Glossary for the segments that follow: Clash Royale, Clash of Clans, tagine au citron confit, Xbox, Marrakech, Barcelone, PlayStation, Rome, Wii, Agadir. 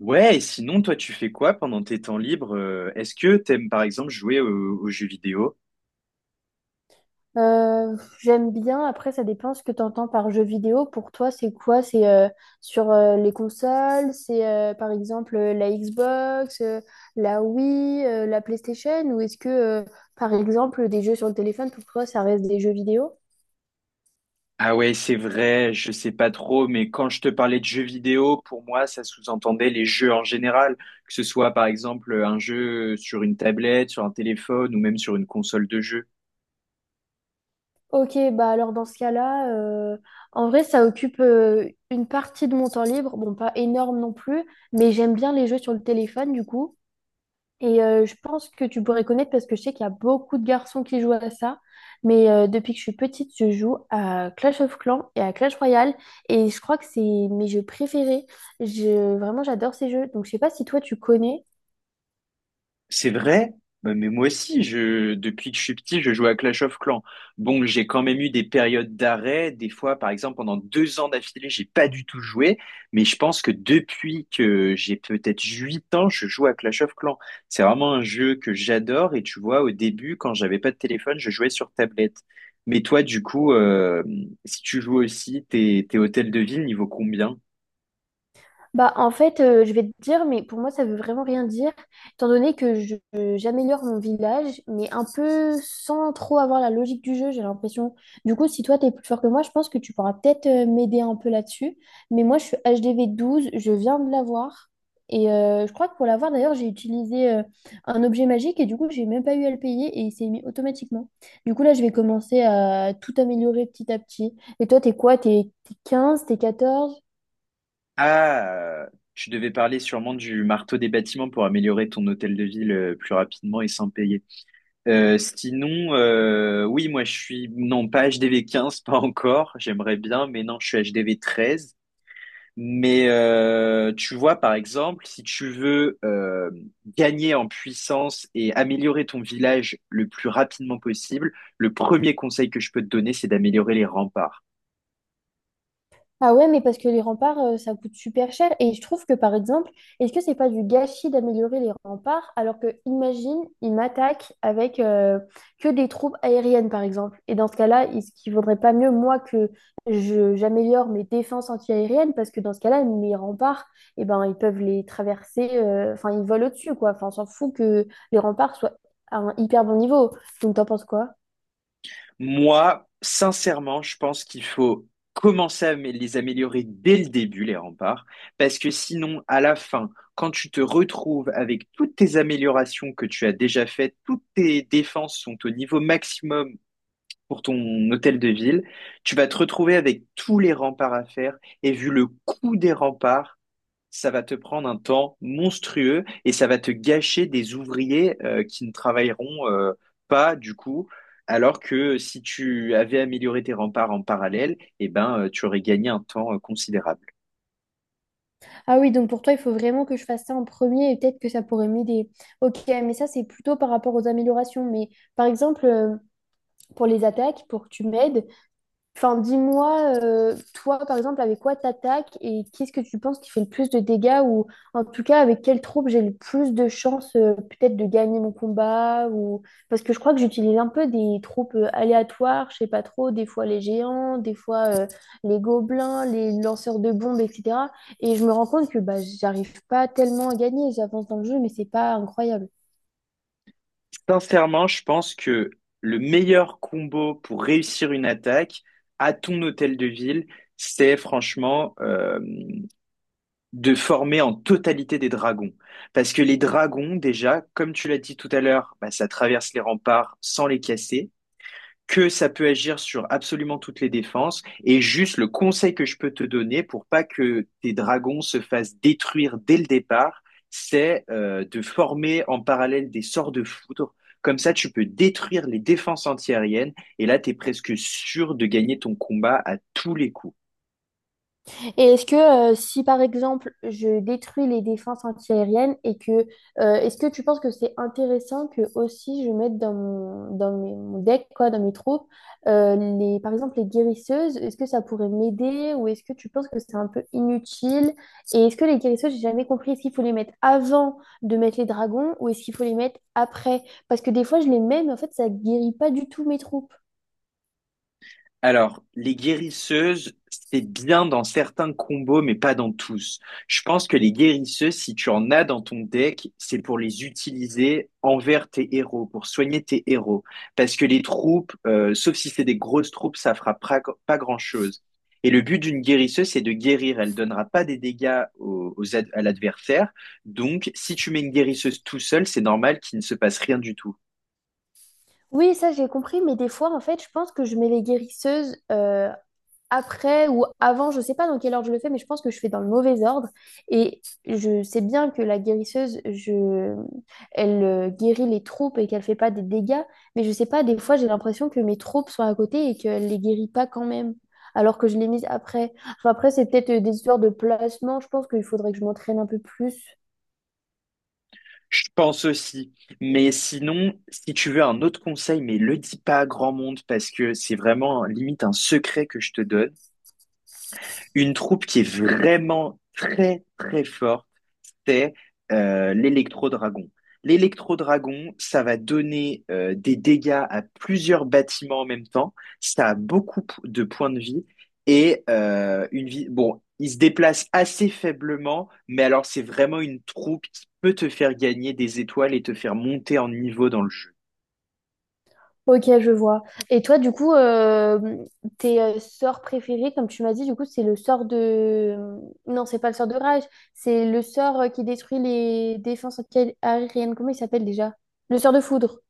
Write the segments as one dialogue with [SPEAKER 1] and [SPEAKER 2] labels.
[SPEAKER 1] Ouais, et sinon, toi, tu fais quoi pendant tes temps libres? Est-ce que t'aimes, par exemple, jouer aux jeux vidéo?
[SPEAKER 2] J'aime bien, après ça dépend ce que tu entends par jeu vidéo. Pour toi, c'est quoi? C'est sur les consoles, c'est par exemple la Xbox, la Wii, la PlayStation, ou est-ce que par exemple des jeux sur le téléphone, pour toi, ça reste des jeux vidéo?
[SPEAKER 1] Ah ouais, c'est vrai, je sais pas trop, mais quand je te parlais de jeux vidéo, pour moi, ça sous-entendait les jeux en général, que ce soit, par exemple, un jeu sur une tablette, sur un téléphone ou même sur une console de jeu.
[SPEAKER 2] Ok, bah alors dans ce cas-là, en vrai, ça occupe une partie de mon temps libre. Bon, pas énorme non plus, mais j'aime bien les jeux sur le téléphone du coup. Et je pense que tu pourrais connaître parce que je sais qu'il y a beaucoup de garçons qui jouent à ça. Mais depuis que je suis petite, je joue à Clash of Clans et à Clash Royale. Et je crois que c'est mes jeux préférés. Je... Vraiment, j'adore ces jeux. Donc, je sais pas si toi, tu connais.
[SPEAKER 1] C'est vrai, bah, mais moi aussi, depuis que je suis petit, je joue à Clash of Clans. Bon, j'ai quand même eu des périodes d'arrêt. Des fois, par exemple, pendant 2 ans d'affilée, j'ai pas du tout joué. Mais je pense que depuis que j'ai peut-être 8 ans, je joue à Clash of Clans. C'est vraiment un jeu que j'adore. Et tu vois, au début, quand j'avais pas de téléphone, je jouais sur tablette. Mais toi, du coup, si tu joues aussi, tes hôtels de ville, niveau combien?
[SPEAKER 2] Bah, en fait, je vais te dire, mais pour moi, ça veut vraiment rien dire, étant donné que j'améliore mon village, mais un peu sans trop avoir la logique du jeu, j'ai l'impression. Du coup, si toi, t'es plus fort que moi, je pense que tu pourras peut-être m'aider un peu là-dessus. Mais moi, je suis HDV 12, je viens de l'avoir. Et je crois que pour l'avoir, d'ailleurs, j'ai utilisé un objet magique et du coup, j'ai même pas eu à le payer et il s'est mis automatiquement. Du coup, là, je vais commencer à tout améliorer petit à petit. Et toi, t'es quoi? T'es 15, t'es 14.
[SPEAKER 1] Ah, tu devais parler sûrement du marteau des bâtiments pour améliorer ton hôtel de ville plus rapidement et sans payer. Sinon, oui, moi je suis non pas HDV 15 pas encore. J'aimerais bien, mais non, je suis HDV 13. Mais tu vois, par exemple, si tu veux gagner en puissance et améliorer ton village le plus rapidement possible, le premier conseil que je peux te donner, c'est d'améliorer les remparts.
[SPEAKER 2] Ah ouais, mais parce que les remparts, ça coûte super cher. Et je trouve que, par exemple, est-ce que c'est pas du gâchis d'améliorer les remparts alors que, imagine, ils m'attaquent avec que des troupes aériennes, par exemple. Et dans ce cas-là, est-ce qu'il vaudrait pas mieux, moi, que je, j'améliore mes défenses anti-aériennes parce que dans ce cas-là, mes remparts, eh ben, ils peuvent les traverser, enfin, ils volent au-dessus, quoi. Enfin, on s'en fout que les remparts soient à un hyper bon niveau. Donc, t'en penses quoi?
[SPEAKER 1] Moi, sincèrement, je pense qu'il faut commencer à les améliorer dès le début, les remparts, parce que sinon, à la fin, quand tu te retrouves avec toutes tes améliorations que tu as déjà faites, toutes tes défenses sont au niveau maximum pour ton hôtel de ville, tu vas te retrouver avec tous les remparts à faire, et vu le coût des remparts, ça va te prendre un temps monstrueux et ça va te gâcher des ouvriers qui ne travailleront pas du coup. Alors que si tu avais amélioré tes remparts en parallèle, eh ben, tu aurais gagné un temps considérable.
[SPEAKER 2] Ah oui, donc pour toi, il faut vraiment que je fasse ça en premier et peut-être que ça pourrait m'aider. Ok, mais ça, c'est plutôt par rapport aux améliorations. Mais par exemple, pour les attaques, pour que tu m'aides, enfin, dis-moi, toi, par exemple, avec quoi t'attaques et qu'est-ce que tu penses qui fait le plus de dégâts ou en tout cas avec quelle troupe j'ai le plus de chances peut-être de gagner mon combat ou parce que je crois que j'utilise un peu des troupes aléatoires, je sais pas trop, des fois les géants, des fois les gobelins, les lanceurs de bombes, etc. Et je me rends compte que bah j'arrive pas tellement à gagner, j'avance dans le jeu, mais c'est pas incroyable.
[SPEAKER 1] Sincèrement, je pense que le meilleur combo pour réussir une attaque à ton hôtel de ville, c'est franchement de former en totalité des dragons. Parce que les dragons, déjà, comme tu l'as dit tout à l'heure, bah, ça traverse les remparts sans les casser. Que ça peut agir sur absolument toutes les défenses. Et juste le conseil que je peux te donner pour pas que tes dragons se fassent détruire dès le départ, c'est de former en parallèle des sorts de foudre. Comme ça, tu peux détruire les défenses antiaériennes et là, tu es presque sûr de gagner ton combat à tous les coups.
[SPEAKER 2] Et est-ce que si par exemple je détruis les défenses antiaériennes et que est-ce que tu penses que c'est intéressant que aussi je mette dans mon, dans mes- mon deck quoi dans mes troupes les par exemple les guérisseuses est-ce que ça pourrait m'aider ou est-ce que tu penses que c'est un peu inutile et est-ce que les guérisseuses j'ai jamais compris est-ce qu'il faut les mettre avant de mettre les dragons ou est-ce qu'il faut les mettre après parce que des fois je les mets mais en fait ça guérit pas du tout mes troupes.
[SPEAKER 1] Alors, les guérisseuses, c'est bien dans certains combos, mais pas dans tous. Je pense que les guérisseuses, si tu en as dans ton deck, c'est pour les utiliser envers tes héros, pour soigner tes héros. Parce que les troupes, sauf si c'est des grosses troupes, ça fera pas grand-chose. Et le but d'une guérisseuse, c'est de guérir. Elle donnera pas des dégâts à l'adversaire. Donc, si tu mets une guérisseuse tout seul, c'est normal qu'il ne se passe rien du tout.
[SPEAKER 2] Oui, ça j'ai compris, mais des fois en fait je pense que je mets les guérisseuses après ou avant, je sais pas dans quelle ordre je le fais, mais je pense que je fais dans le mauvais ordre. Et je sais bien que la guérisseuse, je... elle guérit les troupes et qu'elle fait pas des dégâts, mais je sais pas, des fois j'ai l'impression que mes troupes sont à côté et qu'elle les guérit pas quand même, alors que je les mise après. Enfin, après, c'est peut-être des histoires de placement, je pense qu'il faudrait que je m'entraîne un peu plus.
[SPEAKER 1] Je pense aussi. Mais sinon, si tu veux un autre conseil, mais le dis pas à grand monde parce que c'est vraiment limite un secret que je te donne. Une troupe qui est vraiment très très forte, c'est l'électro-dragon. L'électro-dragon, ça va donner des dégâts à plusieurs bâtiments en même temps. Ça a beaucoup de points de vie et une vie. Bon, il se déplace assez faiblement, mais alors c'est vraiment une troupe qui peut te faire gagner des étoiles et te faire monter en niveau dans le jeu.
[SPEAKER 2] Ok, je vois. Et toi, du coup, tes sorts préférés, comme tu m'as dit, du coup, c'est le sort de... euh, Non, c'est pas le sort de rage, c'est le sort qui détruit les défenses anti-aériennes. Comment il s'appelle déjà? Le sort de foudre.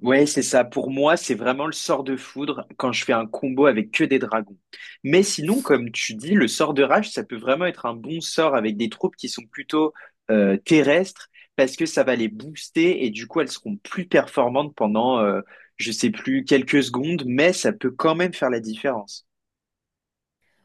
[SPEAKER 1] Ouais, c'est ça. Pour moi, c'est vraiment le sort de foudre quand je fais un combo avec que des dragons. Mais sinon, comme tu dis, le sort de rage, ça peut vraiment être un bon sort avec des troupes qui sont plutôt terrestres parce que ça va les booster et du coup, elles seront plus performantes pendant, je sais plus, quelques secondes, mais ça peut quand même faire la différence.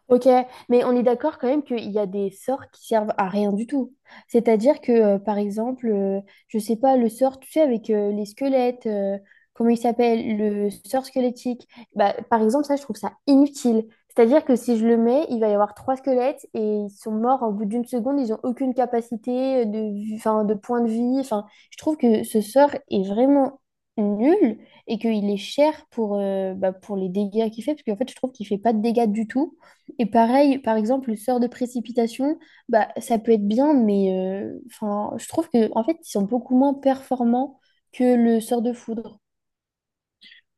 [SPEAKER 2] Ok, mais on est d'accord quand même qu'il y a des sorts qui servent à rien du tout. C'est-à-dire que, par exemple, je sais pas, le sort, tu sais, avec les squelettes, comment il s'appelle, le sort squelettique, bah, par exemple, ça, je trouve ça inutile. C'est-à-dire que si je le mets, il va y avoir trois squelettes et ils sont morts au bout d'une seconde, ils n'ont aucune capacité de, enfin, de point de vie. Enfin, je trouve que ce sort est vraiment nul et qu'il est cher pour, bah, pour les dégâts qu'il fait, parce qu'en fait, je trouve qu'il fait pas de dégâts du tout. Et pareil, par exemple, le sort de précipitation, bah, ça peut être bien, mais enfin, je trouve que en fait, ils sont beaucoup moins performants que le sort de foudre.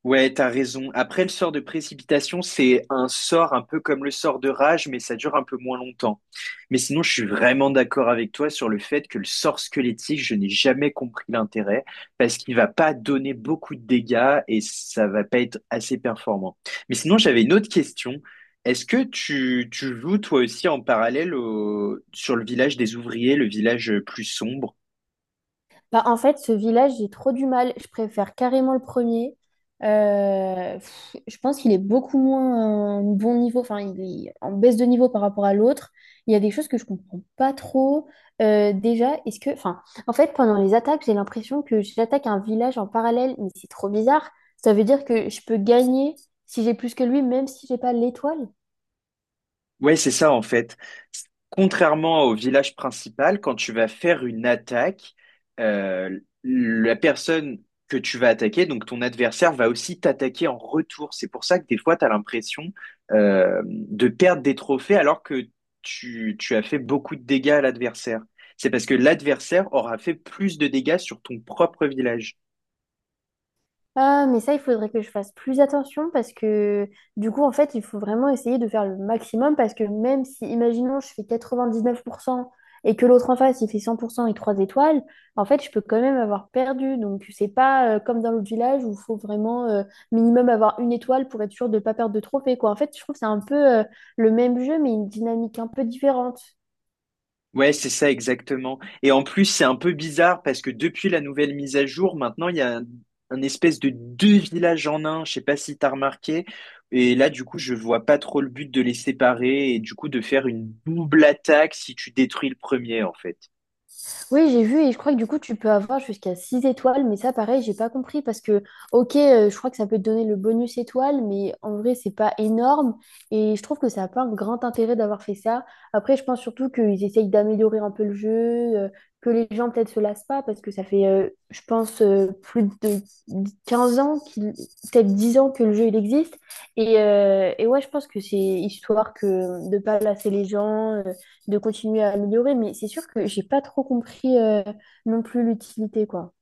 [SPEAKER 1] Ouais, t'as raison. Après, le sort de précipitation, c'est un sort un peu comme le sort de rage, mais ça dure un peu moins longtemps. Mais sinon, je suis vraiment d'accord avec toi sur le fait que le sort squelettique, je n'ai jamais compris l'intérêt parce qu'il va pas donner beaucoup de dégâts et ça va pas être assez performant. Mais sinon, j'avais une autre question. Est-ce que tu joues toi aussi en parallèle au, sur le village des ouvriers, le village plus sombre?
[SPEAKER 2] Bah, en fait, ce village, j'ai trop du mal. Je préfère carrément le premier. Je pense qu'il est beaucoup moins bon niveau, enfin, il est en baisse de niveau par rapport à l'autre. Il y a des choses que je comprends pas trop. Déjà, est-ce que, enfin, en fait, pendant les attaques, j'ai l'impression que j'attaque un village en parallèle, mais c'est trop bizarre. Ça veut dire que je peux gagner si j'ai plus que lui, même si j'ai pas l'étoile.
[SPEAKER 1] Ouais, c'est ça en fait. Contrairement au village principal, quand tu vas faire une attaque, la personne que tu vas attaquer, donc ton adversaire, va aussi t'attaquer en retour. C'est pour ça que des fois, tu as l'impression de perdre des trophées alors que tu as fait beaucoup de dégâts à l'adversaire. C'est parce que l'adversaire aura fait plus de dégâts sur ton propre village.
[SPEAKER 2] Ah, mais ça, il faudrait que je fasse plus attention parce que du coup, en fait, il faut vraiment essayer de faire le maximum parce que même si, imaginons, je fais 99% et que l'autre en face, il fait 100% et 3 étoiles, en fait, je peux quand même avoir perdu. Donc, c'est pas comme dans l'autre village où il faut vraiment minimum avoir une étoile pour être sûr de ne pas perdre de trophée, quoi. En fait, je trouve que c'est un peu le même jeu, mais une dynamique un peu différente.
[SPEAKER 1] Ouais, c'est ça exactement. Et en plus, c'est un peu bizarre parce que depuis la nouvelle mise à jour, maintenant, il y a un espèce de deux villages en un. Je sais pas si t'as remarqué. Et là, du coup, je vois pas trop le but de les séparer et du coup de faire une double attaque si tu détruis le premier, en fait.
[SPEAKER 2] Oui, j'ai vu et je crois que du coup, tu peux avoir jusqu'à 6 étoiles, mais ça, pareil, j'ai pas compris parce que, ok, je crois que ça peut te donner le bonus étoile, mais en vrai, c'est pas énorme et je trouve que ça a pas un grand intérêt d'avoir fait ça. Après, je pense surtout qu'ils essayent d'améliorer un peu le jeu, que les gens peut-être se lassent pas parce que ça fait, je pense, plus de 15 ans, peut-être 10 ans que le jeu il existe. Et ouais, je pense que c'est histoire que de pas lasser les gens, de continuer à améliorer, mais c'est sûr que j'ai pas trop compris non plus l'utilité, quoi.